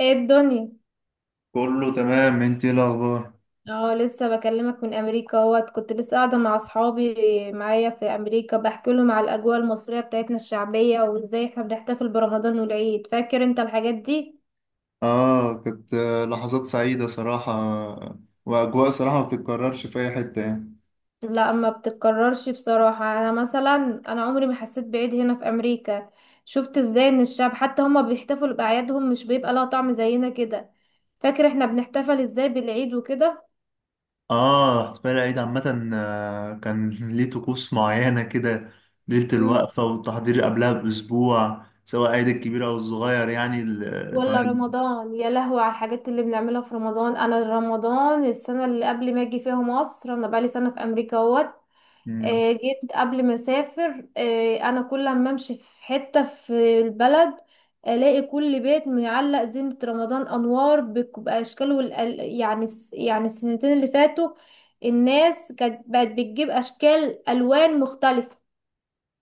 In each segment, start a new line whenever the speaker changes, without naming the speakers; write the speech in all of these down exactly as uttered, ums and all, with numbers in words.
ايه الدنيا؟
كله تمام انت ايه الاخبار؟
اه، لسه بكلمك من امريكا اهوت، كنت لسه قاعده مع اصحابي معايا في امريكا، بحكي لهم على الاجواء المصريه بتاعتنا الشعبيه وازاي احنا بنحتفل برمضان والعيد. فاكر انت الحاجات دي؟
اه كانت آه، لحظات سعيده صراحه. واجواء صراحه ما بتتكررش في اي حته يعني.
لا، ما بتتكررش بصراحه. انا مثلا، انا عمري ما حسيت بعيد هنا في امريكا. شفت ازاي ان الشعب حتى هما بيحتفلوا باعيادهم، مش بيبقى لها طعم زينا كده. فاكر احنا بنحتفل ازاي بالعيد وكده؟
اه احتفال العيد عامه آه، كان ليه طقوس معينه كده. ليله الوقفه والتحضير قبلها باسبوع سواء العيد الكبير او الصغير يعني ال-
ولا
سواء.
رمضان، يا لهوي على الحاجات اللي بنعملها في رمضان. انا رمضان السنه اللي قبل ما اجي فيها مصر، انا بقالي سنه في امريكا اهوت.
مم.
آه، جيت قبل ما اسافر. آه، انا كل ما امشي في حته في البلد، الاقي كل بيت معلق زينه رمضان، انوار بك- باشكال، والأل... يعني الس- يعني السنتين اللي فاتوا الناس كانت بقت بتجيب اشكال الوان مختلفه.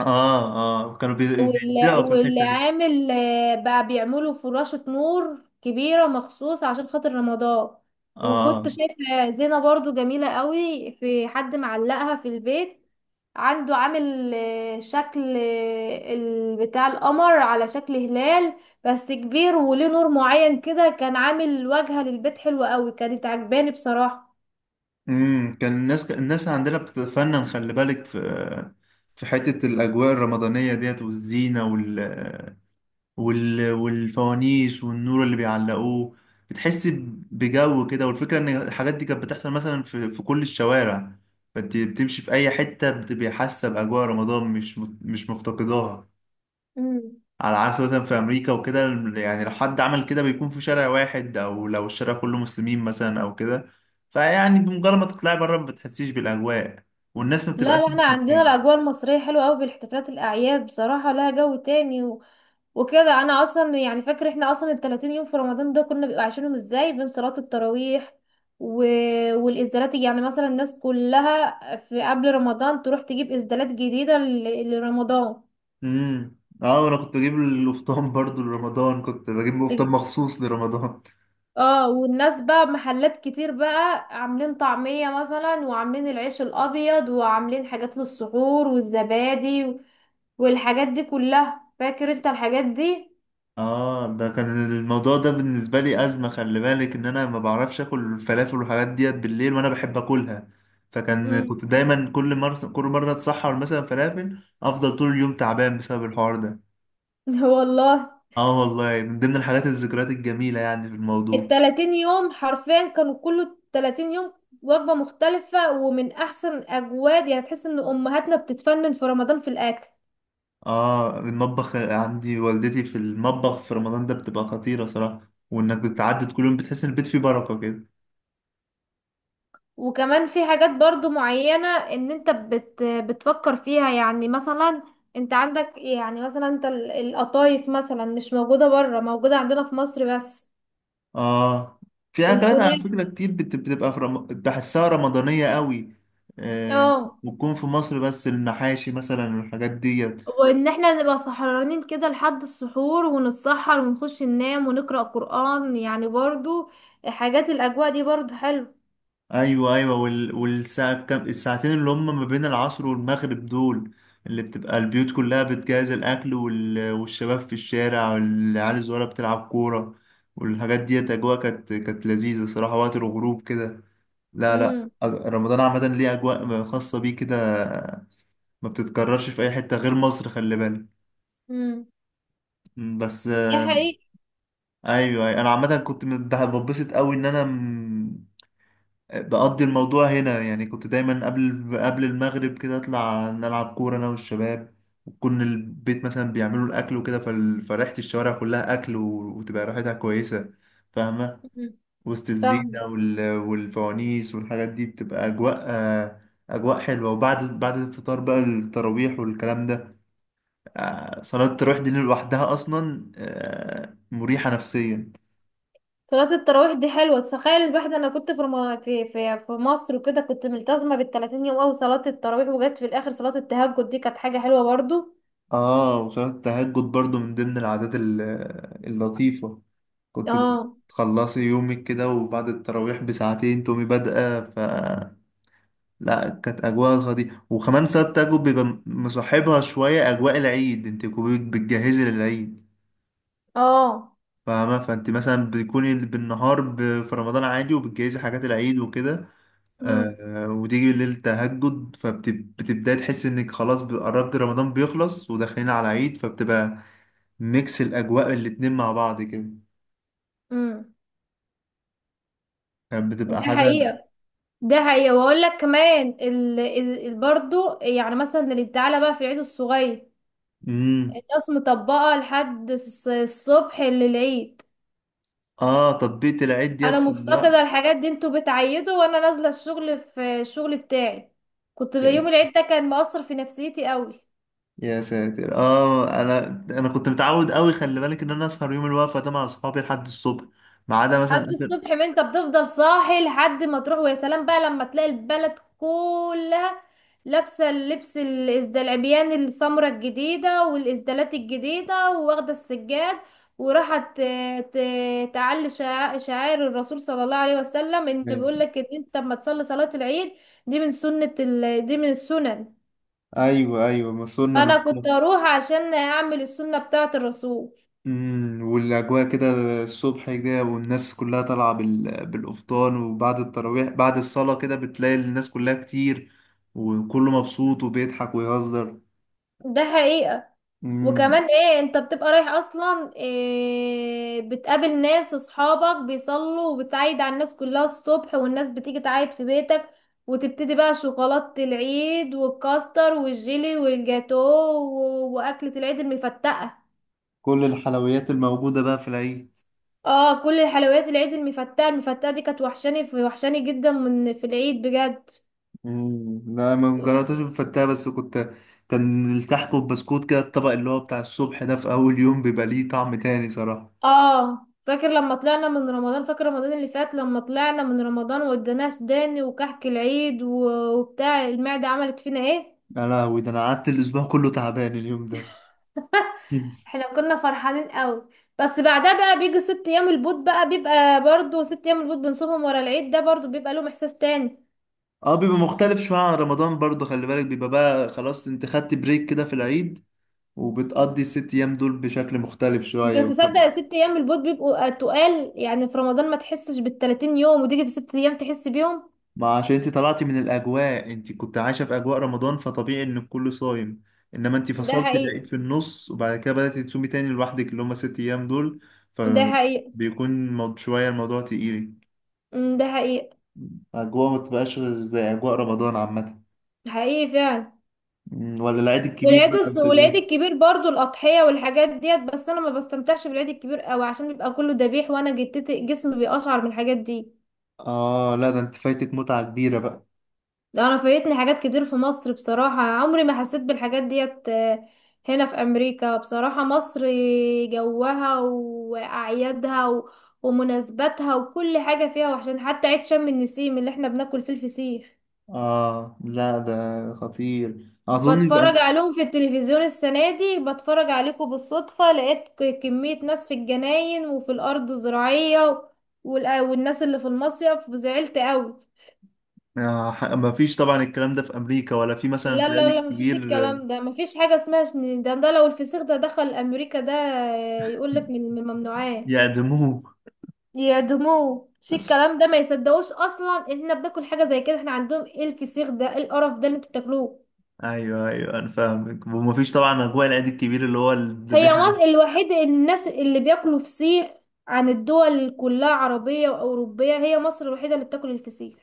اه اه كانوا بي-
وال-
بيبدعوا في الحته دي.
والعامل آه، بقى بيعملوا فراشة نور كبيرة مخصوص عشان خاطر رمضان. وكنت
اه
شايفة زينة برضو جميلة قوي، في حد معلقها في البيت عنده، عامل آه، شكل آه، ال- بتاع القمر على شكل هلال بس كبير، وليه نور معين كده، كان عامل واجهة للبيت حلوة قوي، كانت عجباني بصراحة.
امم كان الناس الناس عندنا بتتفنن خلي بالك في في حتة الأجواء الرمضانية ديت والزينة وال... وال... والفوانيس والنور اللي بيعلقوه. بتحس بجو كده والفكرة إن الحاجات دي كانت بتحصل مثلا في, في كل الشوارع. فأنت بتمشي في أي حتة بتبقى حاسة بأجواء رمضان مش مش مفتقداها.
مم.
على عكس مثلا في امريكا وكده. يعني لو حد عمل كده بيكون في شارع واحد او لو الشارع كله مسلمين مثلا او كده. فيعني بمجرد ما تطلعي بره ما بتحسيش بالاجواء. والناس ما
لا
بتبقاش
لا، احنا
نفس
عندنا
الناس.
الاجواء المصريه حلوه قوي، بالاحتفالات الاعياد بصراحه لها جو تاني. و... وكده، انا اصلا يعني فاكره احنا اصلا ال ثلاثين يوم في رمضان ده كنا بيبقى عايشينهم ازاي، بين صلاه التراويح، و... والازدالات. يعني مثلا الناس كلها في قبل رمضان تروح تجيب ازدالات جديده ل... لرمضان.
امم. اه انا كنت بجيب القفطان برضو لرمضان كنت بجيب قفطان مخصوص لرمضان.
اه، والناس بقى محلات كتير بقى عاملين طعمية مثلا، وعاملين العيش الابيض، وعاملين حاجات للسحور والزبادي، والحاجات دي كلها. فاكر انت الحاجات دي؟
اه ده كان الموضوع ده بالنسبه لي ازمه خلي بالك ان انا ما بعرفش اكل الفلافل والحاجات ديت بالليل وانا بحب اكلها. فكان
مم.
كنت دايما كل مره كل مره اتسحر مثلا فلافل افضل طول اليوم تعبان بسبب الحوار ده.
والله.
اه والله من ضمن الحاجات الذكريات الجميلة يعني في الموضوع.
التلاتين يوم حرفيا كانوا كله تلاتين يوم وجبة مختلفة، ومن أحسن أجواد يعني، تحس إن أمهاتنا بتتفنن في رمضان في الأكل.
اه المطبخ عندي والدتي في المطبخ في رمضان ده بتبقى خطيرة صراحة وانك بتعدي كل يوم بتحس ان البيت فيه بركة كده.
وكمان في حاجات برضو معينة إن أنت بت بتفكر فيها، يعني مثلا أنت عندك، يعني مثلا أنت ال- القطايف مثلا مش موجودة بره، موجودة عندنا في مصر بس.
اه في اكلات على
الكنافة.
فكرة كتير بت- بتبقى في رم... تحسها رمضانية قوي. آه.
اه،
وتكون في مصر بس المحاشي مثلا والحاجات دي.
وان احنا نبقى سهرانين كده لحد السحور، ونتسحر ونخش ننام ونقرأ قرآن يعني برضو، حاجات الاجواء دي برضو حلو.
ايوه، ايوه، وال... والساعة كام الساعتين اللي هم ما بين العصر والمغرب دول. اللي بتبقى البيوت كلها بتجهز الاكل وال... والشباب في الشارع والعيال الصغيره بتلعب كوره. والحاجات ديت اجواء كانت كانت لذيذه صراحه وقت الغروب كده. لا، لا،
امم.
أ- رمضان عامه ليه اجواء خاصه بيه كده. ما بتتكررش في اي حته غير مصر خلي بالك.
امم.
م، بس.
دي حقيقة.
ايوه، أيوة. انا عامه كنت من- بتبسط قوي ان انا بقضي الموضوع هنا يعني كنت دايما قبل قبل المغرب كده اطلع نلعب كورة انا والشباب. وكنا البيت مثلا بيعملوا الاكل وكده فال- فريحة الشوارع كلها اكل و- وتبقى ريحتها كويسة. فاهمة.
مم.
وسط
فاهمة.
الزينة وال- والفوانيس والحاجات دي بتبقى اجواء آه، اجواء حلوة. وبعد بعد الفطار بقى التراويح والكلام ده. آه، صلاة التراويح دي لوحدها اصلا آه، مريحة نفسيا.
صلاة التراويح دي حلوة، تخيل الواحد. انا كنت في رم... في في في مصر وكده، كنت ملتزمة بالتلاتين يوم اوي صلاة التراويح، وجت في الاخر صلاة التهجد، دي كانت حاجة حلوة برضو.
اه وصلاة التهجد برضو من ضمن العادات ال- اللطيفة. كنت
اه.
بتخلصي يومك كده وبعد التراويح بساعتين تقومي بادئة ف لا كانت أجواء خطيرة وكمان ساعات تجربة بيبقى مصاحبها شوية أجواء العيد انت كنت بتجهزي للعيد.
اه.
فاهمة فانت مثلا بتكوني بالنهار ب... في رمضان عادي وبتجهزي حاجات العيد وكده.
امم.
آه وتيجي بالليل تهجد فبتبدأي تحسي انك خلاص قربت رمضان بيخلص وداخلين على العيد فبتبقى ميكس الأجواء الاتنين مع بعض كده.
امم.
كانت بتبقى
ده
حاجة.
حقيقة. ده حقيقة. واقول لك كمان ال... ال... برضو، يعني مثلا اللي تعالى بقى في العيد الصغير،
مم.
الناس مطبقة لحد الص- الصبح للعيد.
اه تطبيق العيد
انا
ديت في الوقت.
مفتقدة الحاجات دي، انتوا بتعيدوا وانا نازلة الشغل، في الشغل بتاعي. كنت بيوم
يعني
العيد ده كان مؤثر في نفسيتي قوي.
يا ساتر اه انا انا كنت متعود قوي خلي بالك ان انا اسهر يوم الوقفه ده مع اصحابي لحد الصبح. ما عدا مثلا
لحد
اخر
الصبح، ما انت بتفضل صاحي لحد ما تروح، ويا سلام بقى لما تلاقي البلد كلها لابسه اللبس، الازدال، العبيان، السمرة الجديده والازدالات الجديده، واخده السجاد، وراحت ت- ت- تعلي شع- شعائر الرسول صلى الله عليه وسلم. ان
بس.
بيقول لك ان انت لما تصلي صلاه العيد، دي من سنه ال... دي من السنن.
ايوه، ايوه، مصرنا مش.
فانا كنت اروح عشان اعمل السنه بتاعه الرسول.
امم والاجواء كده الصبح كده والناس كلها طالعه بال... بالافطار وبعد التراويح بعد الصلاه كده بتلاقي الناس كلها كتير. وكله مبسوط وبيضحك ويهزر.
ده حقيقه.
امم
وكمان ايه، انت بتبقى رايح اصلا، إيه، بتقابل ناس، اصحابك بيصلوا، وبتعيد على الناس كلها الصبح، والناس بتيجي تعيد في بيتك، وتبتدي بقى شوكولاتة العيد والكاستر والجيلي والجاتو و- واكلة العيد المفتقة.
كل الحلويات الموجوده بقى في العيد.
اه، كل الحلويات العيد، المفتقة المفتقة دي كانت وحشاني، في وحشاني جدا من في العيد بجد.
مم. لا ما جربتش بفتها بس كنت كان الكحك والبسكوت كده الطبق اللي هو بتاع الصبح ده في أول يوم بيبقى ليه طعم تاني صراحة.
اه، فاكر لما طلعنا من رمضان؟ فاكر رمضان اللي فات لما طلعنا من رمضان، وادانا سوداني وكحك العيد، و- وبتاع المعدة عملت فينا ايه؟
يا لهوي ده أنا قعدت الأسبوع كله تعبان اليوم ده. مم.
احنا كنا فرحانين قوي. بس بعدها بقى بيجي ست ايام البوت بقى، بيبقى برضو ست ايام البوت بنصومهم ورا العيد ده، برضو بيبقى لهم احساس تاني.
اه بيبقى مختلف شوية عن رمضان برضه خلي بالك بيبقى بقى خلاص انت خدت بريك كده في العيد. وبتقضي الست أيام دول بشكل مختلف
بس
شوية.
صدق، ست ايام البوت بيبقوا تقال، يعني في رمضان ما تحسش بالتلاتين يوم، وتيجي في ست ايام تحس بيهم.
ما عشان انت طلعتي من الاجواء انت كنت عايشه في اجواء رمضان فطبيعي ان الكل صايم. انما انت
ده
فصلت
حقيقي.
لقيت في النص وبعد كده بدأتي تصومي تاني لوحدك اللي هم ست ايام دول.
ده حقيقي.
فبيكون مو- شويه الموضوع تقيل.
أمم، ده حقيقي.
اجواء ما تبقاش زي اجواء رمضان عامه.
حقيقي فعلا.
مم، ولا العيد الكبير
والعيد
بقى
الص-
قبل
والعيد
كده.
الكبير برضو، الأضحية والحاجات ديت. بس أنا ما بستمتعش بالعيد الكبير قوي، عشان بيبقى كله ذبيح، وأنا جتتي جسمي بيقشعر من الحاجات دي.
اه لا ده انت فايتك متعه كبيره بقى.
ده أنا فايتني حاجات كتير في مصر بصراحة، عمري ما حسيت بالحاجات ديت آه، هنا في أمريكا. بصراحة مصر، جوها وأعيادها و- ومناسباتها وكل حاجة فيها. وعشان حتى عيد شم النسيم اللي احنا بناكل فيه الفسيخ،
اه لا ده خطير اظن في
بتفرج
أم...
عليهم في التلفزيون. السنة دي بتفرج عليكم بالصدفة، لقيت ك- كمية ناس في الجناين وفي الأرض الزراعية، والأ- والناس اللي في المصيف زعلت قوي.
آه ح- ما فيش طبعا الكلام ده في امريكا ولا في مثلا في
لا لا
العيد
لا، مفيش
الكبير.
الكلام ده، مفيش حاجة اسمها شن- ده ده لو الفسيخ ده دخل أمريكا، ده
آه،
يقولك من من الممنوعات.
يعدموه.
يعدموه. مش الكلام ده، ما يصدقوش أصلا إن احنا بناكل حاجة زي كده. احنا عندهم ايه الفسيخ ده؟ ايه القرف ده اللي انتوا بتاكلوه؟
ايوه، ايوه، انا فاهمك ومفيش طبعا اجواء العيد الكبير اللي هو
هي
الذبيحه
مصر
ده.
الوحيدة الناس اللي بياكلوا فسيخ، عن الدول كلها عربية وأوروبية، هي مصر الوحيدة اللي بتاكل الفسيخ،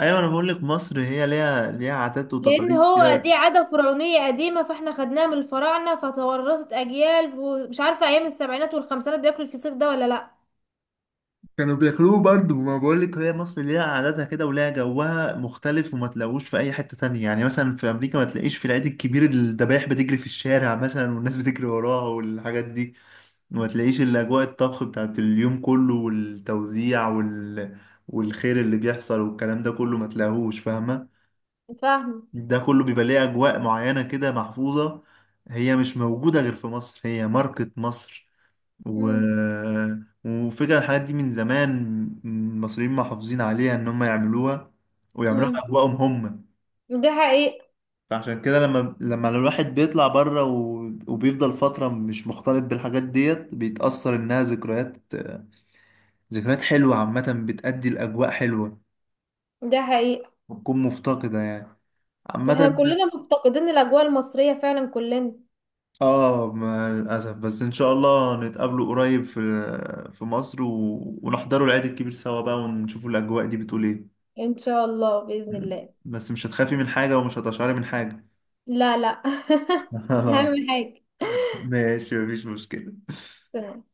ايوه انا بقول لك مصر هي ليها ليها عادات
لأن
وتقاليد
هو دي
كده.
عادة فرعونية قديمة، فاحنا خدناها من الفراعنة فتورثت أجيال. ومش عارفة أيام السبعينات والخمسينات بياكلوا الفسيخ ده ولا لأ.
كانوا بياكلوه برضه ما بقول لك هي مصر ليها عاداتها كده وليها جوها مختلف وما تلاقوش في اي حته تانية يعني مثلا في امريكا ما تلاقيش في العيد الكبير الذبايح بتجري في الشارع مثلا والناس بتجري وراها والحاجات دي. وما تلاقيش الاجواء الطبخ بتاعت اليوم كله والتوزيع وال والخير اللي بيحصل والكلام ده كله ما تلاقوهوش فاهمه.
فاهمة.
ده كله بيبقى ليه أجواء معينة كده محفوظة. هي مش موجودة غير في مصر هي ماركة مصر. و...
امم.
وفكرة الحاجات دي من زمان المصريين محافظين عليها إن هم يعملوها ويعملوها
امم.
بأجواءهم هم.
ده حقيقي.
فعشان كده لما لما الواحد بيطلع بره و... وبيفضل فترة مش مختلط بالحاجات ديت بيتأثر إنها ذكريات. ذكريات حلوة عامة بتأدي لأجواء حلوة.
ده حقيقي.
بتكون مفتقدة يعني
احنا
عامة.
كلنا مفتقدين الأجواء المصرية فعلا، كلنا.
اه مع الأسف بس إن شاء الله نتقابلوا قريب في في مصر و... ونحضروا العيد الكبير سوا بقى ونشوفوا الأجواء دي بتقول إيه؟
إن شاء الله، بإذن
م.
الله.
بس مش هتخافي من حاجة ومش هتشعري من حاجة.
لا لا.
خلاص.
أهم حاجة.
ماشي مفيش مشكلة.
تمام.